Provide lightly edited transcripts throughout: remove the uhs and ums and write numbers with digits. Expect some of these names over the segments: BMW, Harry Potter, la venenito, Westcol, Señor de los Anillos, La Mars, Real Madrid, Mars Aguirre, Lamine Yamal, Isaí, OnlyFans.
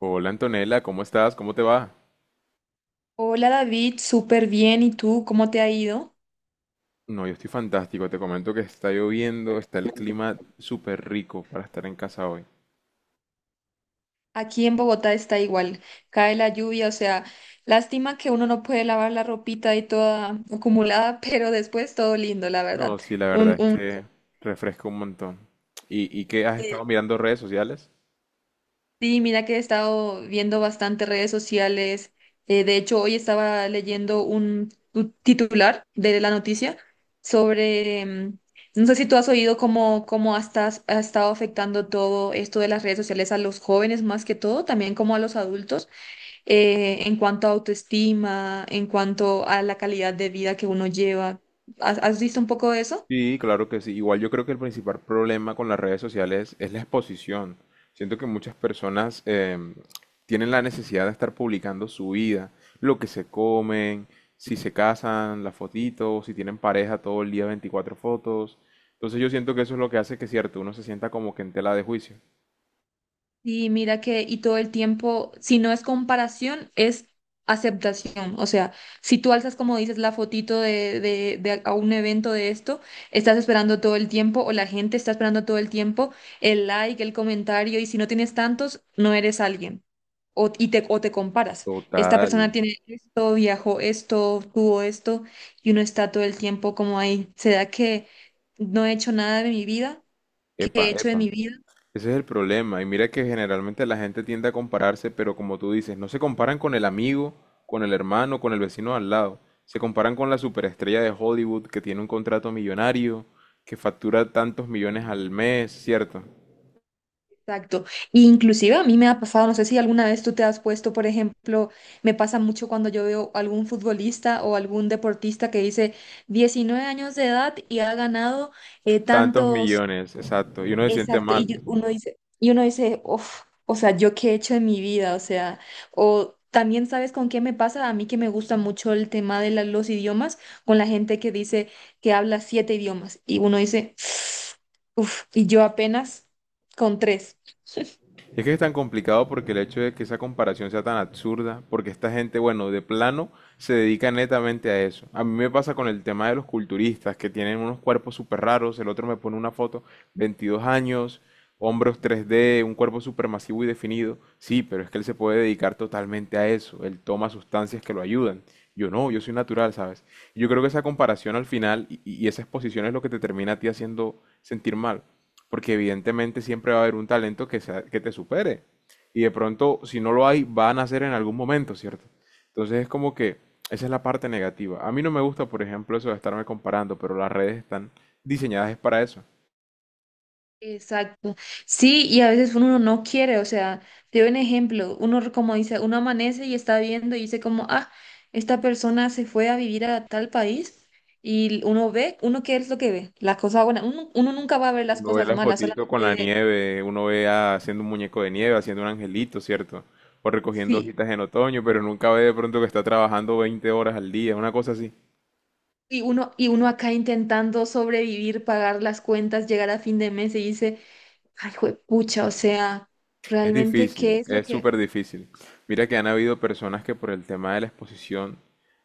Hola Antonella, ¿cómo estás? ¿Cómo te va? Hola David, súper bien. ¿Y tú cómo te ha ido? No, yo estoy fantástico. Te comento que está lloviendo, está el clima súper rico para estar en casa hoy. Aquí en Bogotá está igual, cae la lluvia, o sea, lástima que uno no puede lavar la ropita y toda acumulada, pero después todo lindo, la verdad. No, sí, la verdad Un, es un... que refresca un montón. ¿Y qué has sí. estado mirando redes sociales? Sí, mira que he estado viendo bastante redes sociales. De hecho, hoy estaba leyendo un titular de la noticia sobre, no sé si tú has oído cómo ha estado afectando todo esto de las redes sociales a los jóvenes más que todo, también como a los adultos, en cuanto a autoestima, en cuanto a la calidad de vida que uno lleva. Has visto un poco de eso? Sí, claro que sí. Igual yo creo que el principal problema con las redes sociales es la exposición. Siento que muchas personas tienen la necesidad de estar publicando su vida, lo que se comen, si se casan, las fotitos, si tienen pareja todo el día 24 fotos. Entonces yo siento que eso es lo que hace que, cierto, uno se sienta como que en tela de juicio. Y mira que, y todo el tiempo, si no es comparación, es aceptación. O sea, si tú alzas, como dices, la fotito de a un evento de esto, estás esperando todo el tiempo, o la gente está esperando todo el tiempo el like, el comentario, y si no tienes tantos, no eres alguien. O te comparas. Esta Total. persona tiene esto, viajó esto, tuvo esto, y uno está todo el tiempo como ahí. ¿Será que no he hecho nada de mi vida? ¿Qué he Epa, hecho de epa. mi vida? Ese es el problema. Y mira que generalmente la gente tiende a compararse, pero como tú dices, no se comparan con el amigo, con el hermano, con el vecino al lado. Se comparan con la superestrella de Hollywood que tiene un contrato millonario, que factura tantos millones al mes, ¿cierto? Exacto. Inclusive a mí me ha pasado, no sé si alguna vez tú te has puesto, por ejemplo, me pasa mucho cuando yo veo algún futbolista o algún deportista que dice 19 años de edad y ha ganado Tantos tantos. millones, exacto. Y uno se siente Exacto. y mal. yo- uno dice, y uno dice, "Uf, o sea, ¿yo qué he hecho en mi vida? O sea, o también sabes con qué me pasa, a mí que me gusta mucho el tema de los idiomas, con la gente que dice que habla siete idiomas y uno dice, uff, y yo apenas con tres. Es que es tan complicado porque el hecho de que esa comparación sea tan absurda, porque esta gente, bueno, de plano se dedica netamente a eso. A mí me pasa con el tema de los culturistas que tienen unos cuerpos súper raros, el otro me pone una foto, 22 años, hombros 3D, un cuerpo súper masivo y definido. Sí, pero es que él se puede dedicar totalmente a eso, él toma sustancias que lo ayudan. Yo no, yo soy natural, ¿sabes? Y yo creo que esa comparación al final y esa exposición es lo que te termina a ti haciendo sentir mal porque evidentemente siempre va a haber un talento que te supere. Y de pronto, si no lo hay, va a nacer en algún momento, ¿cierto? Entonces es como que esa es la parte negativa. A mí no me gusta, por ejemplo, eso de estarme comparando, pero las redes están diseñadas es para eso. Exacto. Sí, y a veces uno no quiere, o sea, te doy un ejemplo, uno como dice, uno amanece y está viendo y dice como, ah, esta persona se fue a vivir a tal país y uno ve, uno qué es lo que ve, las cosas buenas, uno nunca va a ver las Uno ve cosas las malas, fotitos con solamente. la nieve, uno haciendo un muñeco de nieve, haciendo un angelito, ¿cierto? O recogiendo Sí. hojitas en otoño, pero nunca ve de pronto que está trabajando 20 horas al día, una cosa así. Y uno acá intentando sobrevivir, pagar las cuentas, llegar a fin de mes y dice, ay, pucha, o sea, Es realmente, ¿qué difícil, es lo es que...? súper difícil. Mira que han habido personas que por el tema de la exposición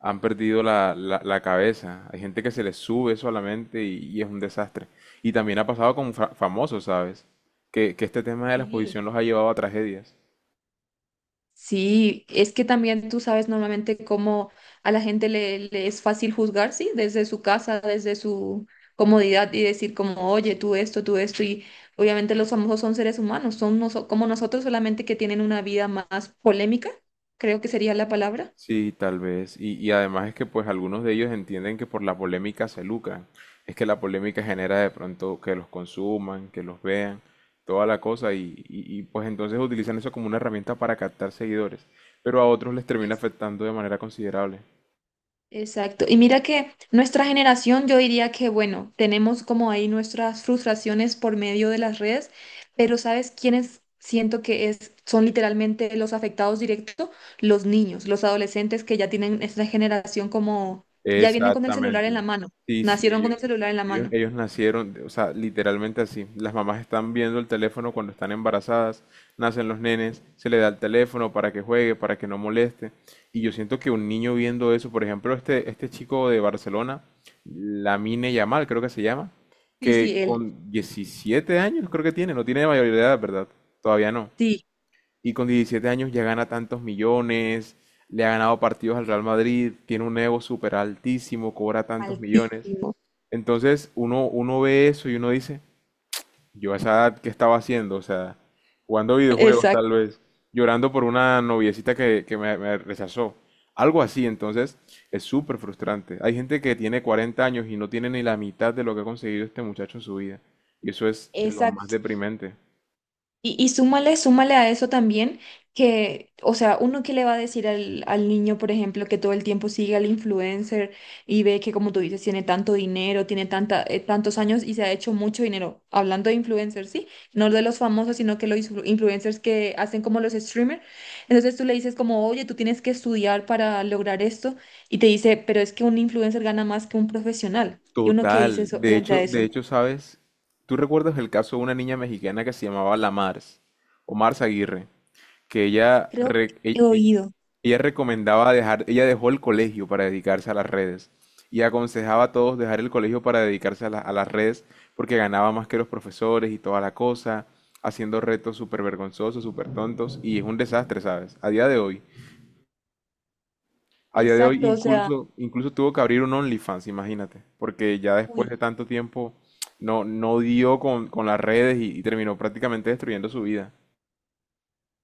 han perdido la cabeza. Hay gente que se les sube solamente y es un desastre. Y también ha pasado con famosos, ¿sabes? Que este tema de la Sí. exposición los ha llevado a tragedias. Sí, es que también tú sabes normalmente cómo a la gente le es fácil juzgar, sí, desde su casa, desde su comodidad y decir como, oye, tú esto, y obviamente los famosos son seres humanos, son como nosotros solamente que tienen una vida más polémica, creo que sería la palabra. Sí, tal vez. Y además es que pues algunos de ellos entienden que por la polémica se lucran. Es que la polémica genera de pronto que los consuman, que los vean, toda la cosa. Y, pues entonces utilizan eso como una herramienta para captar seguidores. Pero a otros les termina afectando de manera considerable. Exacto. Y mira que nuestra generación, yo diría que, bueno, tenemos como ahí nuestras frustraciones por medio de las redes, pero ¿sabes quiénes siento que es, son literalmente los afectados directos? Los niños, los adolescentes que ya tienen esta generación como, ya vienen con el celular en Exactamente. la mano, Sí, sí, nacieron con el ellos, celular en la ellos, mano. ellos nacieron, o sea, literalmente así. Las mamás están viendo el teléfono cuando están embarazadas, nacen los nenes, se le da el teléfono para que juegue, para que no moleste. Y yo siento que un niño viendo eso, por ejemplo, este chico de Barcelona, Lamine Yamal, creo que se llama, Sí, que sí, él, con 17 años creo que tiene, no tiene mayoría de edad, ¿verdad? Todavía no sí, y con 17 años ya gana tantos millones, le ha ganado partidos al Real Madrid, tiene un ego súper altísimo, cobra tantos millones. altísimo. Entonces uno ve eso y uno dice, yo a esa edad, ¿qué estaba haciendo? O sea, jugando videojuegos Exacto. tal vez, llorando por una noviecita que me rechazó. Algo así, entonces es súper frustrante. Hay gente que tiene 40 años y no tiene ni la mitad de lo que ha conseguido este muchacho en su vida. Y eso es de lo más deprimente. Y súmale a eso también que, o sea, uno que le va a decir al niño, por ejemplo, que todo el tiempo sigue al influencer y ve que, como tú dices, tiene tanto dinero, tiene tanta, tantos años y se ha hecho mucho dinero. Hablando de influencers, ¿sí? No de los famosos, sino que los influencers que hacen como los streamers. Entonces tú le dices como, oye, tú tienes que estudiar para lograr esto y te dice, pero es que un influencer gana más que un profesional. Y uno que dice Total. eso frente a De eso. hecho, ¿sabes? ¿Tú recuerdas el caso de una niña mexicana que se llamaba La Mars, o Mars Aguirre? Que ella, Creo re- e- que he e- oído. ella recomendaba dejar, ella dejó el colegio para dedicarse a las redes y aconsejaba a todos dejar el colegio para dedicarse a las redes porque ganaba más que los profesores y toda la cosa, haciendo retos súper vergonzosos, súper tontos y es un desastre, ¿sabes? A día de hoy. A día de hoy Exacto, o sea, incluso tuvo que abrir un OnlyFans, imagínate, porque ya después uy. de tanto tiempo no dio con las redes y terminó prácticamente destruyendo su vida.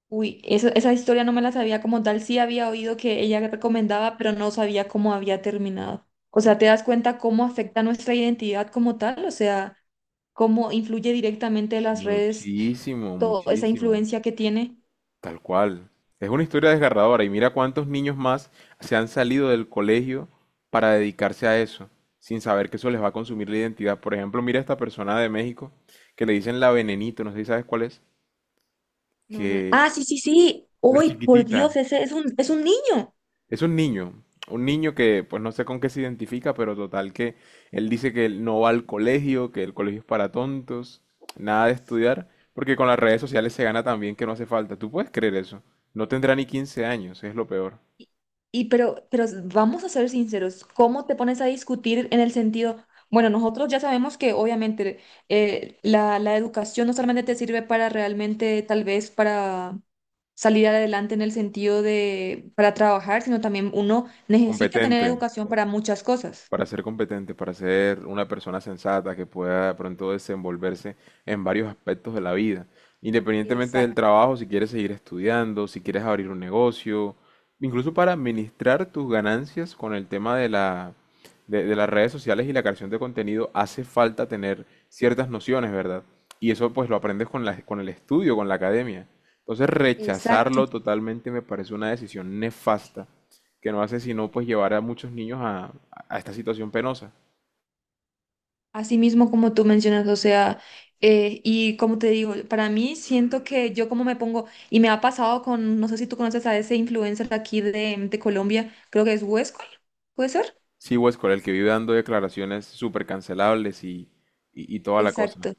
Uy, esa historia no me la sabía como tal. Sí había oído que ella recomendaba, pero no sabía cómo había terminado. O sea, ¿te das cuenta cómo afecta nuestra identidad como tal? O sea, cómo influye directamente las redes, Muchísimo, toda esa muchísimo. influencia que tiene. Tal cual. Es una historia desgarradora y mira cuántos niños más se han salido del colegio para dedicarse a eso, sin saber que eso les va a consumir la identidad. Por ejemplo, mira esta persona de México que le dicen la venenito, no sé si sabes cuál es, No, no. que Ah, sí, sí, sí. la Uy, por chiquitita. Dios, ese es un niño. Es un niño que pues no sé con qué se identifica, pero total que él dice que él no va al colegio, que el colegio es para tontos, nada de estudiar, porque con las redes sociales se gana también que no hace falta. ¿Tú puedes creer eso? No tendrá ni 15 años, es lo peor. Y, y pero vamos a ser sinceros, ¿cómo te pones a discutir en el sentido, bueno, nosotros ya sabemos que obviamente la educación no solamente te sirve para realmente, tal vez para salir adelante en el sentido de, para trabajar, sino también uno necesita tener Competente. educación para muchas cosas. Para ser competente, para ser una persona sensata que pueda de pronto desenvolverse en varios aspectos de la vida. Independientemente del Exacto, trabajo, si quieres seguir estudiando, si quieres abrir un negocio, incluso para administrar tus ganancias con el tema de de las redes sociales y la creación de contenido, hace falta tener ciertas nociones, ¿verdad? Y eso pues lo aprendes con el estudio, con la academia. Entonces rechazarlo exacto. totalmente me parece una decisión nefasta que no hace sino pues llevar a muchos niños a esta situación penosa. Así mismo como tú mencionas, o sea, y como te digo, para mí siento que yo como me pongo, y me ha pasado con, no sé si tú conoces a ese influencer de aquí de Colombia, creo que es Huescol, ¿puede ser? Sí, Westcol, el que vive dando declaraciones súper cancelables y toda la cosa. Exacto.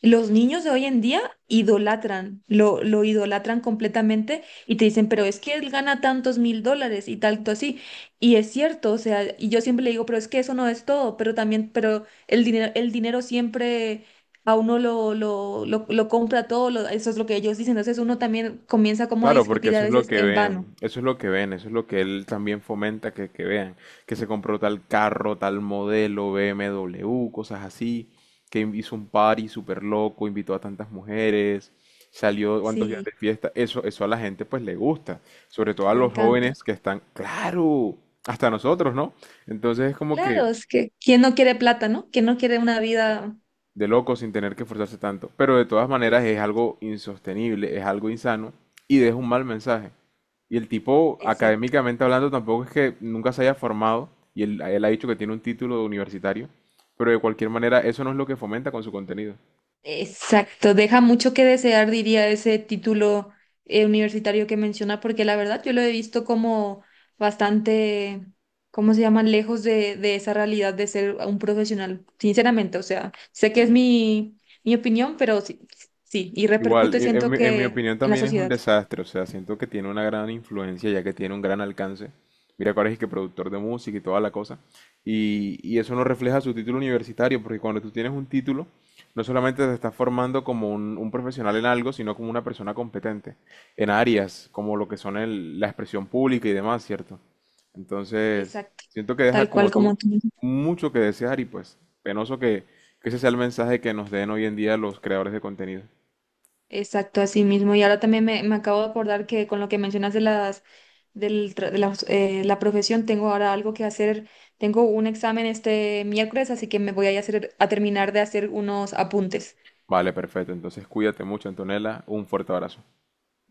Los niños de hoy en día idolatran, lo idolatran completamente y te dicen, pero es que él gana tantos mil dólares y tanto así. Y es cierto, o sea, y yo siempre le digo, pero es que eso no es todo, pero también, pero el dinero siempre a uno lo compra todo, eso es lo que ellos dicen. Entonces uno también comienza como a Claro, porque discutir a eso es lo veces que en vano. ven, eso es lo que ven, eso es lo que él también fomenta que vean, que se compró tal carro, tal modelo, BMW, cosas así, que hizo un party súper loco, invitó a tantas mujeres, salió cuantos días de Sí, fiesta, eso a la gente pues le gusta, sobre todo a le los encanta. jóvenes que están, claro, hasta nosotros, ¿no? Entonces es como que Claro, es que ¿quién no quiere plata, no? ¿Quién no quiere una vida? de loco sin tener que esforzarse tanto. Pero de todas maneras es Exacto, algo insostenible, es algo insano y deja un mal mensaje. Y el tipo, académicamente hablando, tampoco es que nunca se haya formado y él ha dicho que tiene un título universitario, pero de cualquier manera eso no es lo que fomenta con su contenido. exacto, deja mucho que desear, diría ese título universitario que menciona, porque la verdad yo lo he visto como bastante, ¿cómo se llama?, lejos de, esa realidad de ser un profesional, sinceramente, o sea, sé que es mi opinión, pero sí, sí, y Igual, repercute, e- en, siento mi en mi que opinión en la también es un sociedad. desastre, o sea, siento que tiene una gran influencia ya que tiene un gran alcance. Mira, que ahora es que productor de música y toda la cosa. Y eso no refleja su título universitario, porque cuando tú tienes un título, no solamente te estás formando como un profesional en algo, sino como una persona competente en áreas como lo que son la expresión pública y demás, ¿cierto? Entonces, Exacto, siento que deja tal cual como como tú tú. mucho que desear y pues penoso que ese sea el mensaje que nos den hoy en día los creadores de contenido. Exacto, así mismo. Y ahora también me acabo de acordar que con lo que mencionas de las del tra- de las, la profesión, tengo ahora algo que hacer. Tengo un examen este miércoles, así que me voy a ir a hacer a terminar de hacer unos apuntes. Vale, perfecto. Entonces cuídate mucho, Antonella. Un fuerte abrazo.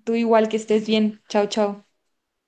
Tú igual que estés bien. Chao, chao.